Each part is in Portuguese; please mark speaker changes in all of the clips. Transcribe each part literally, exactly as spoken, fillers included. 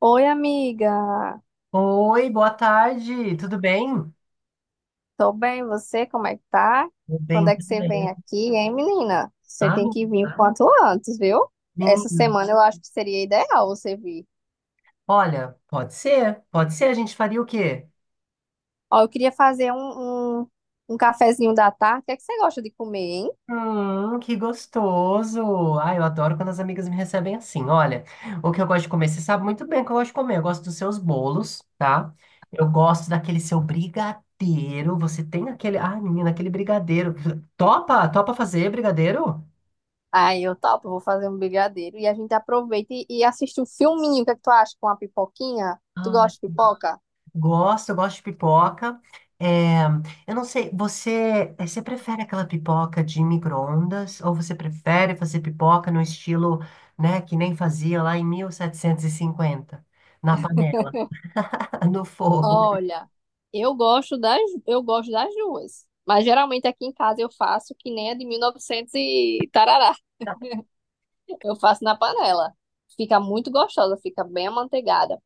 Speaker 1: Oi, amiga.
Speaker 2: Oi, boa tarde, tudo bem?
Speaker 1: Tô bem, você? Como é que tá?
Speaker 2: Tudo
Speaker 1: Quando
Speaker 2: bem,
Speaker 1: é que
Speaker 2: tudo
Speaker 1: você
Speaker 2: bem.
Speaker 1: vem aqui, hein, menina? Você
Speaker 2: Ah,
Speaker 1: tem que vir o quanto antes, viu? Essa
Speaker 2: menino,
Speaker 1: semana eu acho que seria ideal você vir.
Speaker 2: olha, pode ser, pode ser, a gente faria o quê?
Speaker 1: Ó, eu queria fazer um, um, um cafezinho da tarde. O que é que você gosta de comer, hein?
Speaker 2: Hum, que gostoso! Ai, eu adoro quando as amigas me recebem assim. Olha, o que eu gosto de comer, você sabe muito bem o que eu gosto de comer. Eu gosto dos seus bolos, tá? Eu gosto daquele seu brigadeiro. Você tem aquele. Ai, menina, aquele brigadeiro. Topa? Topa fazer brigadeiro?
Speaker 1: Aí eu topo, vou fazer um brigadeiro e a gente aproveita e, e assiste um filminho. O que é que tu acha com a pipoquinha? Tu gosta de pipoca?
Speaker 2: Gosto, eu gosto de pipoca. É, eu não sei, você, eh, você prefere aquela pipoca de micro-ondas ou você prefere fazer pipoca no estilo, né, que nem fazia lá em mil setecentos e cinquenta na panela, no fogo?
Speaker 1: Olha, eu gosto das, eu gosto das duas. Mas geralmente aqui em casa eu faço que nem a de mil e novecentos e tarará. Eu faço na panela. Fica muito gostosa, fica bem amanteigada.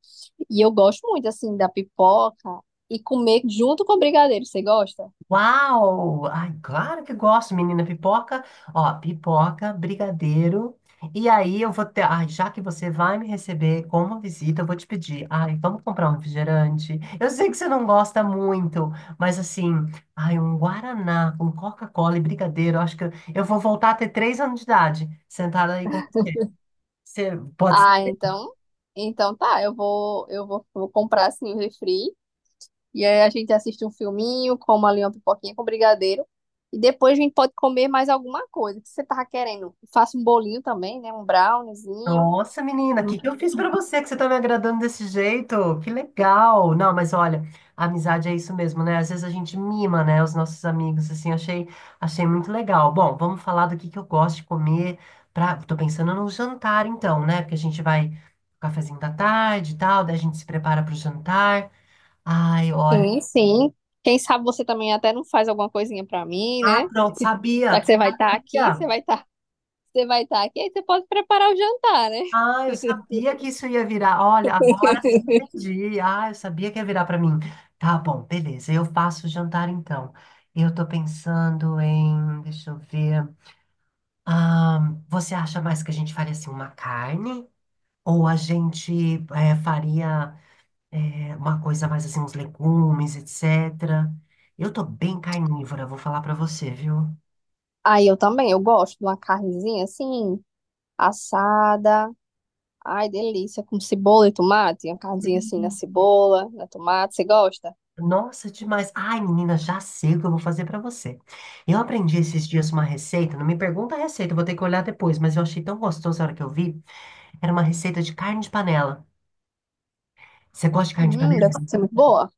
Speaker 1: E eu gosto muito, assim, da pipoca e comer junto com o brigadeiro. Você gosta?
Speaker 2: Uau! Ai, claro que gosto, menina. Pipoca, ó, pipoca, brigadeiro. E aí eu vou ter. Ai, já que você vai me receber como uma visita, eu vou te pedir. Ai, vamos comprar um refrigerante. Eu sei que você não gosta muito, mas assim, ai, um Guaraná com Coca-Cola e brigadeiro. eu Acho que eu eu vou voltar a ter três anos de idade, sentada aí com você. Você pode.
Speaker 1: Ah, então, então tá. Eu vou, eu vou, vou comprar, assim, o refri. E aí a gente assiste um filminho, come ali uma pipoquinha com brigadeiro. E depois a gente pode comer mais alguma coisa. O que você tava querendo? Faça um bolinho também, né? Um browniezinho.
Speaker 2: Nossa, menina, o
Speaker 1: Hum.
Speaker 2: que que eu fiz pra você que você tá me agradando desse jeito? Que legal! Não, mas olha, a amizade é isso mesmo, né? Às vezes a gente mima, né, os nossos amigos, assim, achei, achei muito legal. Bom, vamos falar do que que eu gosto de comer pra. Tô pensando no jantar, então, né? Porque a gente vai cafezinho da tarde e tal, daí a gente se prepara pro jantar. Ai, olha.
Speaker 1: Sim, sim. Quem sabe você também até não faz alguma coisinha pra mim,
Speaker 2: Ah,
Speaker 1: né?
Speaker 2: pronto,
Speaker 1: Já
Speaker 2: sabia!
Speaker 1: que você vai estar aqui,
Speaker 2: Sabia!
Speaker 1: você vai estar, você vai estar aqui, aí você pode preparar o jantar, né?
Speaker 2: Ah, eu sabia que isso ia virar. Olha, agora sim entendi. Ah, eu sabia que ia virar para mim. Tá bom, beleza. Eu faço o jantar então. Eu tô pensando em, deixa eu ver. Ah, você acha mais que a gente faria assim uma carne? Ou a gente eh, faria eh, uma coisa mais assim, uns legumes, etcétera. Eu tô bem carnívora, vou falar para você, viu?
Speaker 1: Aí eu também, eu gosto de uma carnezinha assim, assada. Ai, delícia, com cebola e tomate, uma carnezinha assim na cebola, na tomate, você gosta?
Speaker 2: Nossa, demais. Ai, menina, já sei o que eu vou fazer pra você. Eu aprendi esses dias uma receita, não me pergunta a receita, eu vou ter que olhar depois, mas eu achei tão gostoso a hora que eu vi. Era uma receita de carne de panela. Você gosta de carne de
Speaker 1: Hum,
Speaker 2: panela?
Speaker 1: deve ser muito boa.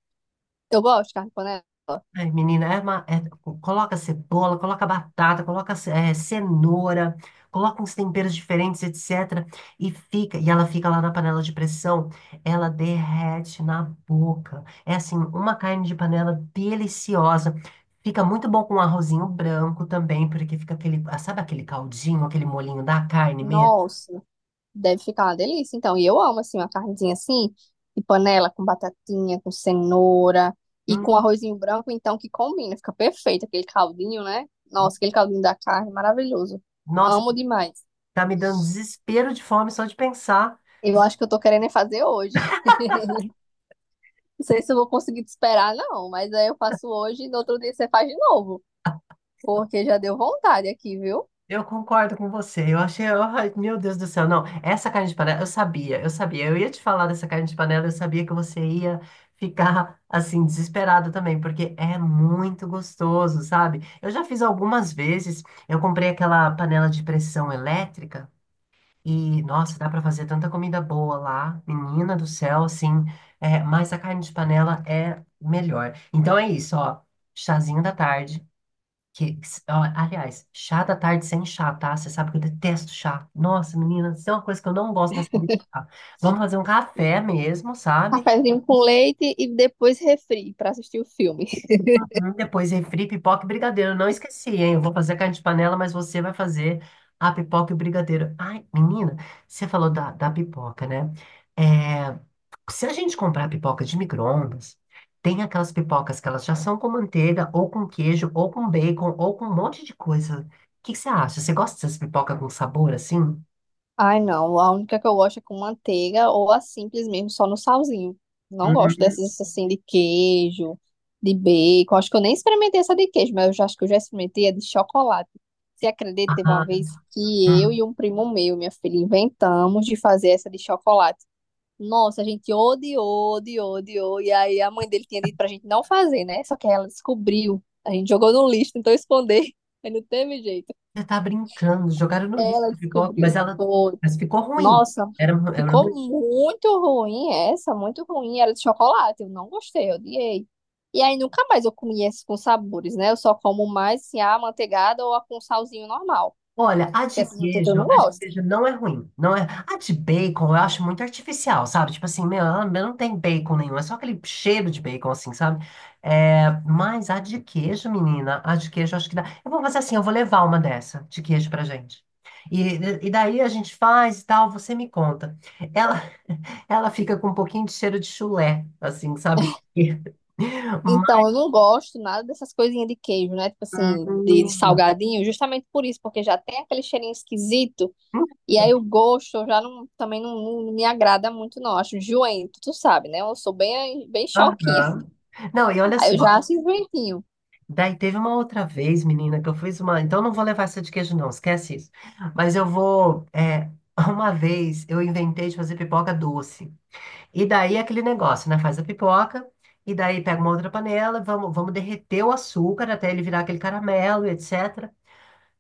Speaker 1: Eu gosto de carne de panela.
Speaker 2: Ai, menina, é uma- é- coloca cebola, coloca batata, coloca ce- eh, cenoura, coloca uns temperos diferentes, etcétera. E fica, e ela fica lá na panela de pressão, ela derrete na boca. É assim, uma carne de panela deliciosa. Fica muito bom com arrozinho branco também, porque fica aquele, ah, sabe aquele caldinho, aquele molinho da carne mesmo?
Speaker 1: Nossa, deve ficar uma delícia. Então, e eu amo assim uma carnezinha assim, de panela com batatinha, com cenoura e
Speaker 2: Hum,
Speaker 1: com arrozinho branco, então que combina, fica perfeito aquele caldinho, né? Nossa, aquele
Speaker 2: hum.
Speaker 1: caldinho da carne, maravilhoso.
Speaker 2: nossa,
Speaker 1: Amo demais.
Speaker 2: tá me dando desespero de fome só de pensar.
Speaker 1: Eu acho que eu tô querendo é fazer hoje. Não sei se eu vou conseguir te esperar, não, mas aí eu faço hoje e no outro dia você faz de novo, porque já deu vontade aqui, viu?
Speaker 2: Eu concordo com você. Eu achei, ai, meu Deus do céu, não. Essa carne de panela, eu sabia, eu sabia. Eu ia te falar dessa carne de panela, eu sabia que você ia ficar assim desesperado também, porque é muito gostoso, sabe? Eu já fiz algumas vezes. Eu comprei aquela panela de pressão elétrica e, nossa, dá pra fazer tanta comida boa lá, menina do céu, assim. É, mas a carne de panela é melhor. Então é isso, ó. Chazinho da tarde. Que, que s- ó, aliás, chá da tarde sem chá, tá? Você sabe que eu detesto chá. Nossa, menina, isso é uma coisa que eu não gosto nessa vida de chá. Vamos fazer um café mesmo, sabe?
Speaker 1: Cafezinho com leite e depois refri pra assistir o filme.
Speaker 2: Hum, Depois refri, pipoca e brigadeiro. Não esqueci, hein? Eu vou fazer carne de panela, mas você vai fazer a pipoca e o brigadeiro. Ai, menina, você falou da, da pipoca, né? É, se a gente comprar pipoca de micro-ondas, tem aquelas pipocas que elas já são com manteiga, ou com queijo, ou com bacon, ou com um monte de coisa. O que que você acha? Você gosta dessas pipoca com sabor assim?
Speaker 1: Ai, não. A única que eu gosto é com manteiga ou a simples mesmo, só no salzinho. Não gosto
Speaker 2: Hum,
Speaker 1: dessas assim de queijo, de bacon. Acho que eu nem experimentei essa de queijo, mas eu já acho que eu já experimentei a de chocolate. Você acredita, teve uma
Speaker 2: ah,
Speaker 1: vez que eu
Speaker 2: hum.
Speaker 1: e um primo meu, minha filha, inventamos de fazer essa de chocolate. Nossa, a gente odiou, odiou, odiou. E aí a mãe dele tinha dito pra gente não fazer, né? Só que aí ela descobriu. A gente jogou no lixo, tentou esconder, mas não teve jeito.
Speaker 2: Você tá brincando. Jogaram no lixo
Speaker 1: Ela
Speaker 2: a pipoca, mas
Speaker 1: descobriu.
Speaker 2: ela
Speaker 1: Foi.
Speaker 2: mas ficou ruim.
Speaker 1: Nossa,
Speaker 2: Era, era
Speaker 1: ficou
Speaker 2: ruim.
Speaker 1: muito ruim essa, muito ruim. Era de chocolate, eu não gostei, eu odiei. E aí nunca mais eu comi esses com sabores, né? Eu só como mais assim, a amanteigada ou a com salzinho normal,
Speaker 2: Olha, a
Speaker 1: porque
Speaker 2: de
Speaker 1: essas outras eu
Speaker 2: queijo,
Speaker 1: não
Speaker 2: a de
Speaker 1: gosto.
Speaker 2: queijo não é ruim, não é. A de bacon eu acho muito artificial, sabe? Tipo assim, meu, ela não tem bacon nenhum, é só aquele cheiro de bacon, assim, sabe? É, mas a de queijo, menina, a de queijo eu acho que dá. Eu vou fazer assim, eu vou levar uma dessa de queijo pra gente. E, e daí a gente faz e tal, você me conta. Ela, ela fica com um pouquinho de cheiro de chulé, assim, sabe?
Speaker 1: Então,
Speaker 2: Mas.
Speaker 1: eu não gosto nada dessas coisinhas de queijo, né? Tipo assim, de, de salgadinho, justamente por isso, porque já tem aquele cheirinho esquisito. E aí o gosto eu já não, também não, não me agrada muito, não. Acho enjoento, tu sabe, né? Eu sou bem, bem choquinha.
Speaker 2: Aham. Não, e olha
Speaker 1: Aí eu já
Speaker 2: só.
Speaker 1: acho enjoentinho.
Speaker 2: Daí teve uma outra vez, menina, que eu fiz uma. Então não vou levar essa de queijo, não, esquece isso. Mas eu vou. é, Uma vez eu inventei de fazer pipoca doce. E daí é aquele negócio, né? Faz a pipoca, e daí pega uma outra panela, vamos, vamos derreter o açúcar até ele virar aquele caramelo, etcétera.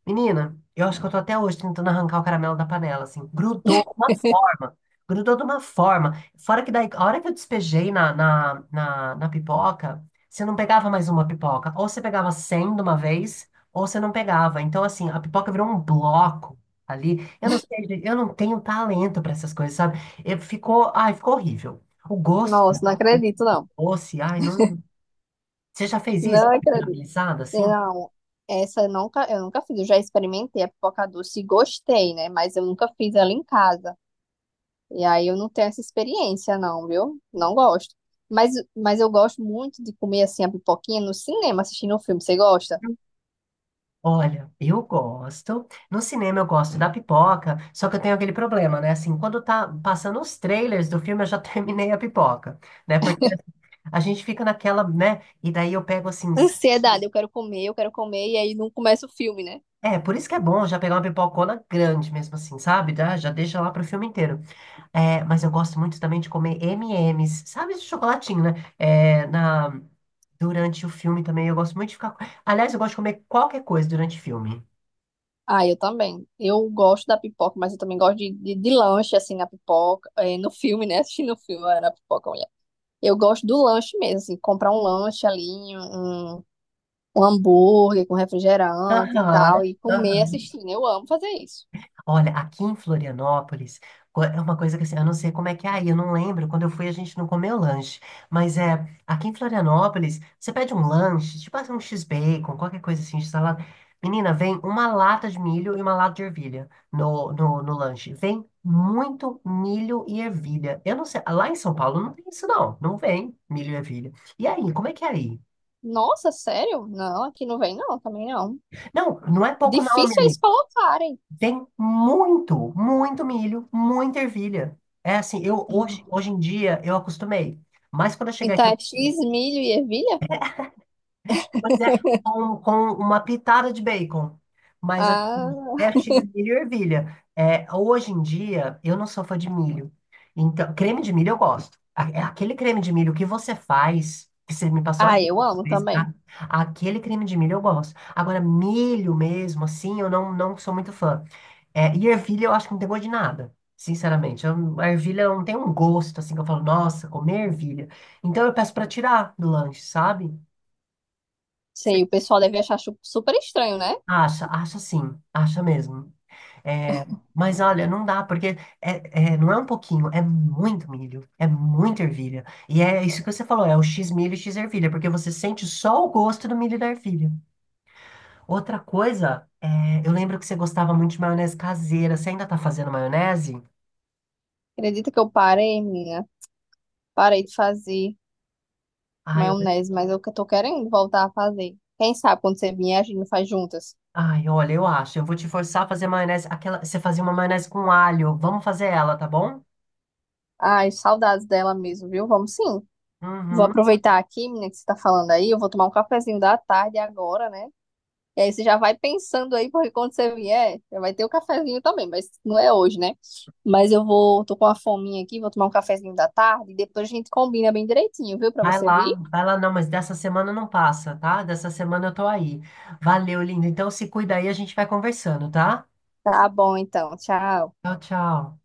Speaker 2: Menina, eu acho que eu tô até hoje tentando arrancar o caramelo da panela, assim. Grudou de uma forma. Grudou de uma forma. Fora que daí, a hora que eu despejei na, na, na, na pipoca, você não pegava mais uma pipoca. Ou você pegava cem de uma vez, ou você não pegava. Então, assim, a pipoca virou um bloco ali. Eu não sei, gente, eu não tenho talento pra essas coisas, sabe? E ficou, ai, ficou horrível. O gosto do
Speaker 1: Nossa, não acredito, não.
Speaker 2: doce, ai, não. Você já fez isso?
Speaker 1: Não acredito.
Speaker 2: Caramelizado, assim?
Speaker 1: Não, essa eu nunca, eu nunca fiz. Eu já experimentei a pipoca doce e gostei, né? Mas eu nunca fiz ela em casa. E aí eu não tenho essa experiência, não, viu? Não gosto. Mas, mas eu gosto muito de comer assim a pipoquinha no cinema, assistindo um filme. Você gosta?
Speaker 2: Olha, eu gosto. No cinema eu gosto da pipoca, só que eu tenho aquele problema, né? Assim, quando tá passando os trailers do filme, eu já terminei a pipoca, né? Porque assim, a gente fica naquela, né? E daí eu pego assim. s-
Speaker 1: Ansiedade, eu quero comer, eu quero comer, e aí não começa o filme, né?
Speaker 2: É, por isso que é bom já pegar uma pipocona grande mesmo assim, sabe? Já, já deixa lá pro filme inteiro. É, mas eu gosto muito também de comer eme e eme's, sabe? Esse chocolatinho, né? É, na, durante o filme também eu gosto muito de ficar. co- Aliás, eu gosto de comer qualquer coisa durante o filme.
Speaker 1: Ah, eu também. Eu gosto da pipoca, mas eu também gosto de, de, de lanche, assim, na pipoca, eh, no filme, né? Assistindo o filme, ah, na pipoca, eu gosto do lanche mesmo, assim, comprar um lanche ali, um, um hambúrguer com refrigerante e
Speaker 2: Aham,
Speaker 1: tal, e comer
Speaker 2: aham.
Speaker 1: assistindo. Eu amo fazer isso.
Speaker 2: Olha, aqui em Florianópolis, co- é uma coisa que assim, eu não sei como é que é aí, eu não lembro. Quando eu fui, a gente não comeu lanche. Mas é, aqui em Florianópolis, você pede um lanche, tipo assim, um X-bacon, qualquer coisa assim, salada. Menina, vem uma lata de milho e uma lata de ervilha no, no, no lanche. Vem muito milho e ervilha. Eu não sei, lá em São Paulo não tem isso, não. Não vem milho e ervilha. E aí, como é que é aí?
Speaker 1: Nossa, sério? Não, aqui não vem não, também não.
Speaker 2: Não, não é pouco, não,
Speaker 1: Difícil é eles
Speaker 2: menina.
Speaker 1: colocarem.
Speaker 2: Tem muito, muito milho, muita ervilha. É assim, eu hoje,
Speaker 1: Hum.
Speaker 2: hoje em dia eu acostumei. Mas quando eu cheguei
Speaker 1: Então
Speaker 2: aqui, eu-
Speaker 1: é X, milho e ervilha?
Speaker 2: pois é, com, com uma pitada de bacon. Mas
Speaker 1: Ah,
Speaker 2: assim, é cheio de milho e ervilha. É, hoje em dia eu não sou fã de milho. Então, creme de milho eu gosto. A- é Aquele creme de milho que você faz, que você me passou a
Speaker 1: ah, eu amo
Speaker 2: vez,
Speaker 1: também.
Speaker 2: a- aquele creme de milho eu gosto. Agora, milho mesmo, assim, eu não, não sou muito fã. É, e ervilha eu acho que não tem gosto de nada, sinceramente. Eu- a ervilha não tem um gosto, assim, que eu falo, nossa, comer ervilha. Então eu peço pra tirar do lanche, sabe? Cê
Speaker 1: Sei, o pessoal deve achar chu- super estranho, né?
Speaker 2: Acha, acha sim, acha mesmo. É, mas olha, não dá, porque é, é, não é um pouquinho, é muito milho, é muita ervilha. E é isso que você falou, é o X milho e X ervilha, porque você sente só o gosto do milho e da ervilha. Outra coisa, é, eu lembro que você gostava muito de maionese caseira. Você ainda tá fazendo maionese?
Speaker 1: Acredita que eu parei, minha? Parei de fazer
Speaker 2: Ai,
Speaker 1: maionese, mas eu que tô querendo voltar a fazer. Quem sabe quando você vier, a gente faz juntas.
Speaker 2: Ai, olha, eu acho. Eu vou te forçar a fazer maionese. Aquela, você fazia uma maionese com alho. Vamos fazer ela, tá bom?
Speaker 1: Ai, saudades dela mesmo, viu? Vamos sim. Vou
Speaker 2: Uhum.
Speaker 1: aproveitar aqui, menina, que você tá falando aí. Eu vou tomar um cafezinho da tarde agora, né? E aí você já vai pensando aí, porque quando você vier, já vai ter o cafezinho também, mas não é hoje, né? Mas eu vou, tô com uma fominha aqui, vou tomar um cafezinho da tarde e depois a gente combina bem direitinho, viu? Pra
Speaker 2: Vai
Speaker 1: você
Speaker 2: lá,
Speaker 1: vir.
Speaker 2: vai lá, não, mas dessa semana não passa, tá? Dessa semana eu tô aí. Valeu, lindo. Então se cuida aí, a gente vai conversando, tá?
Speaker 1: Tá bom, então. Tchau.
Speaker 2: Tchau, tchau.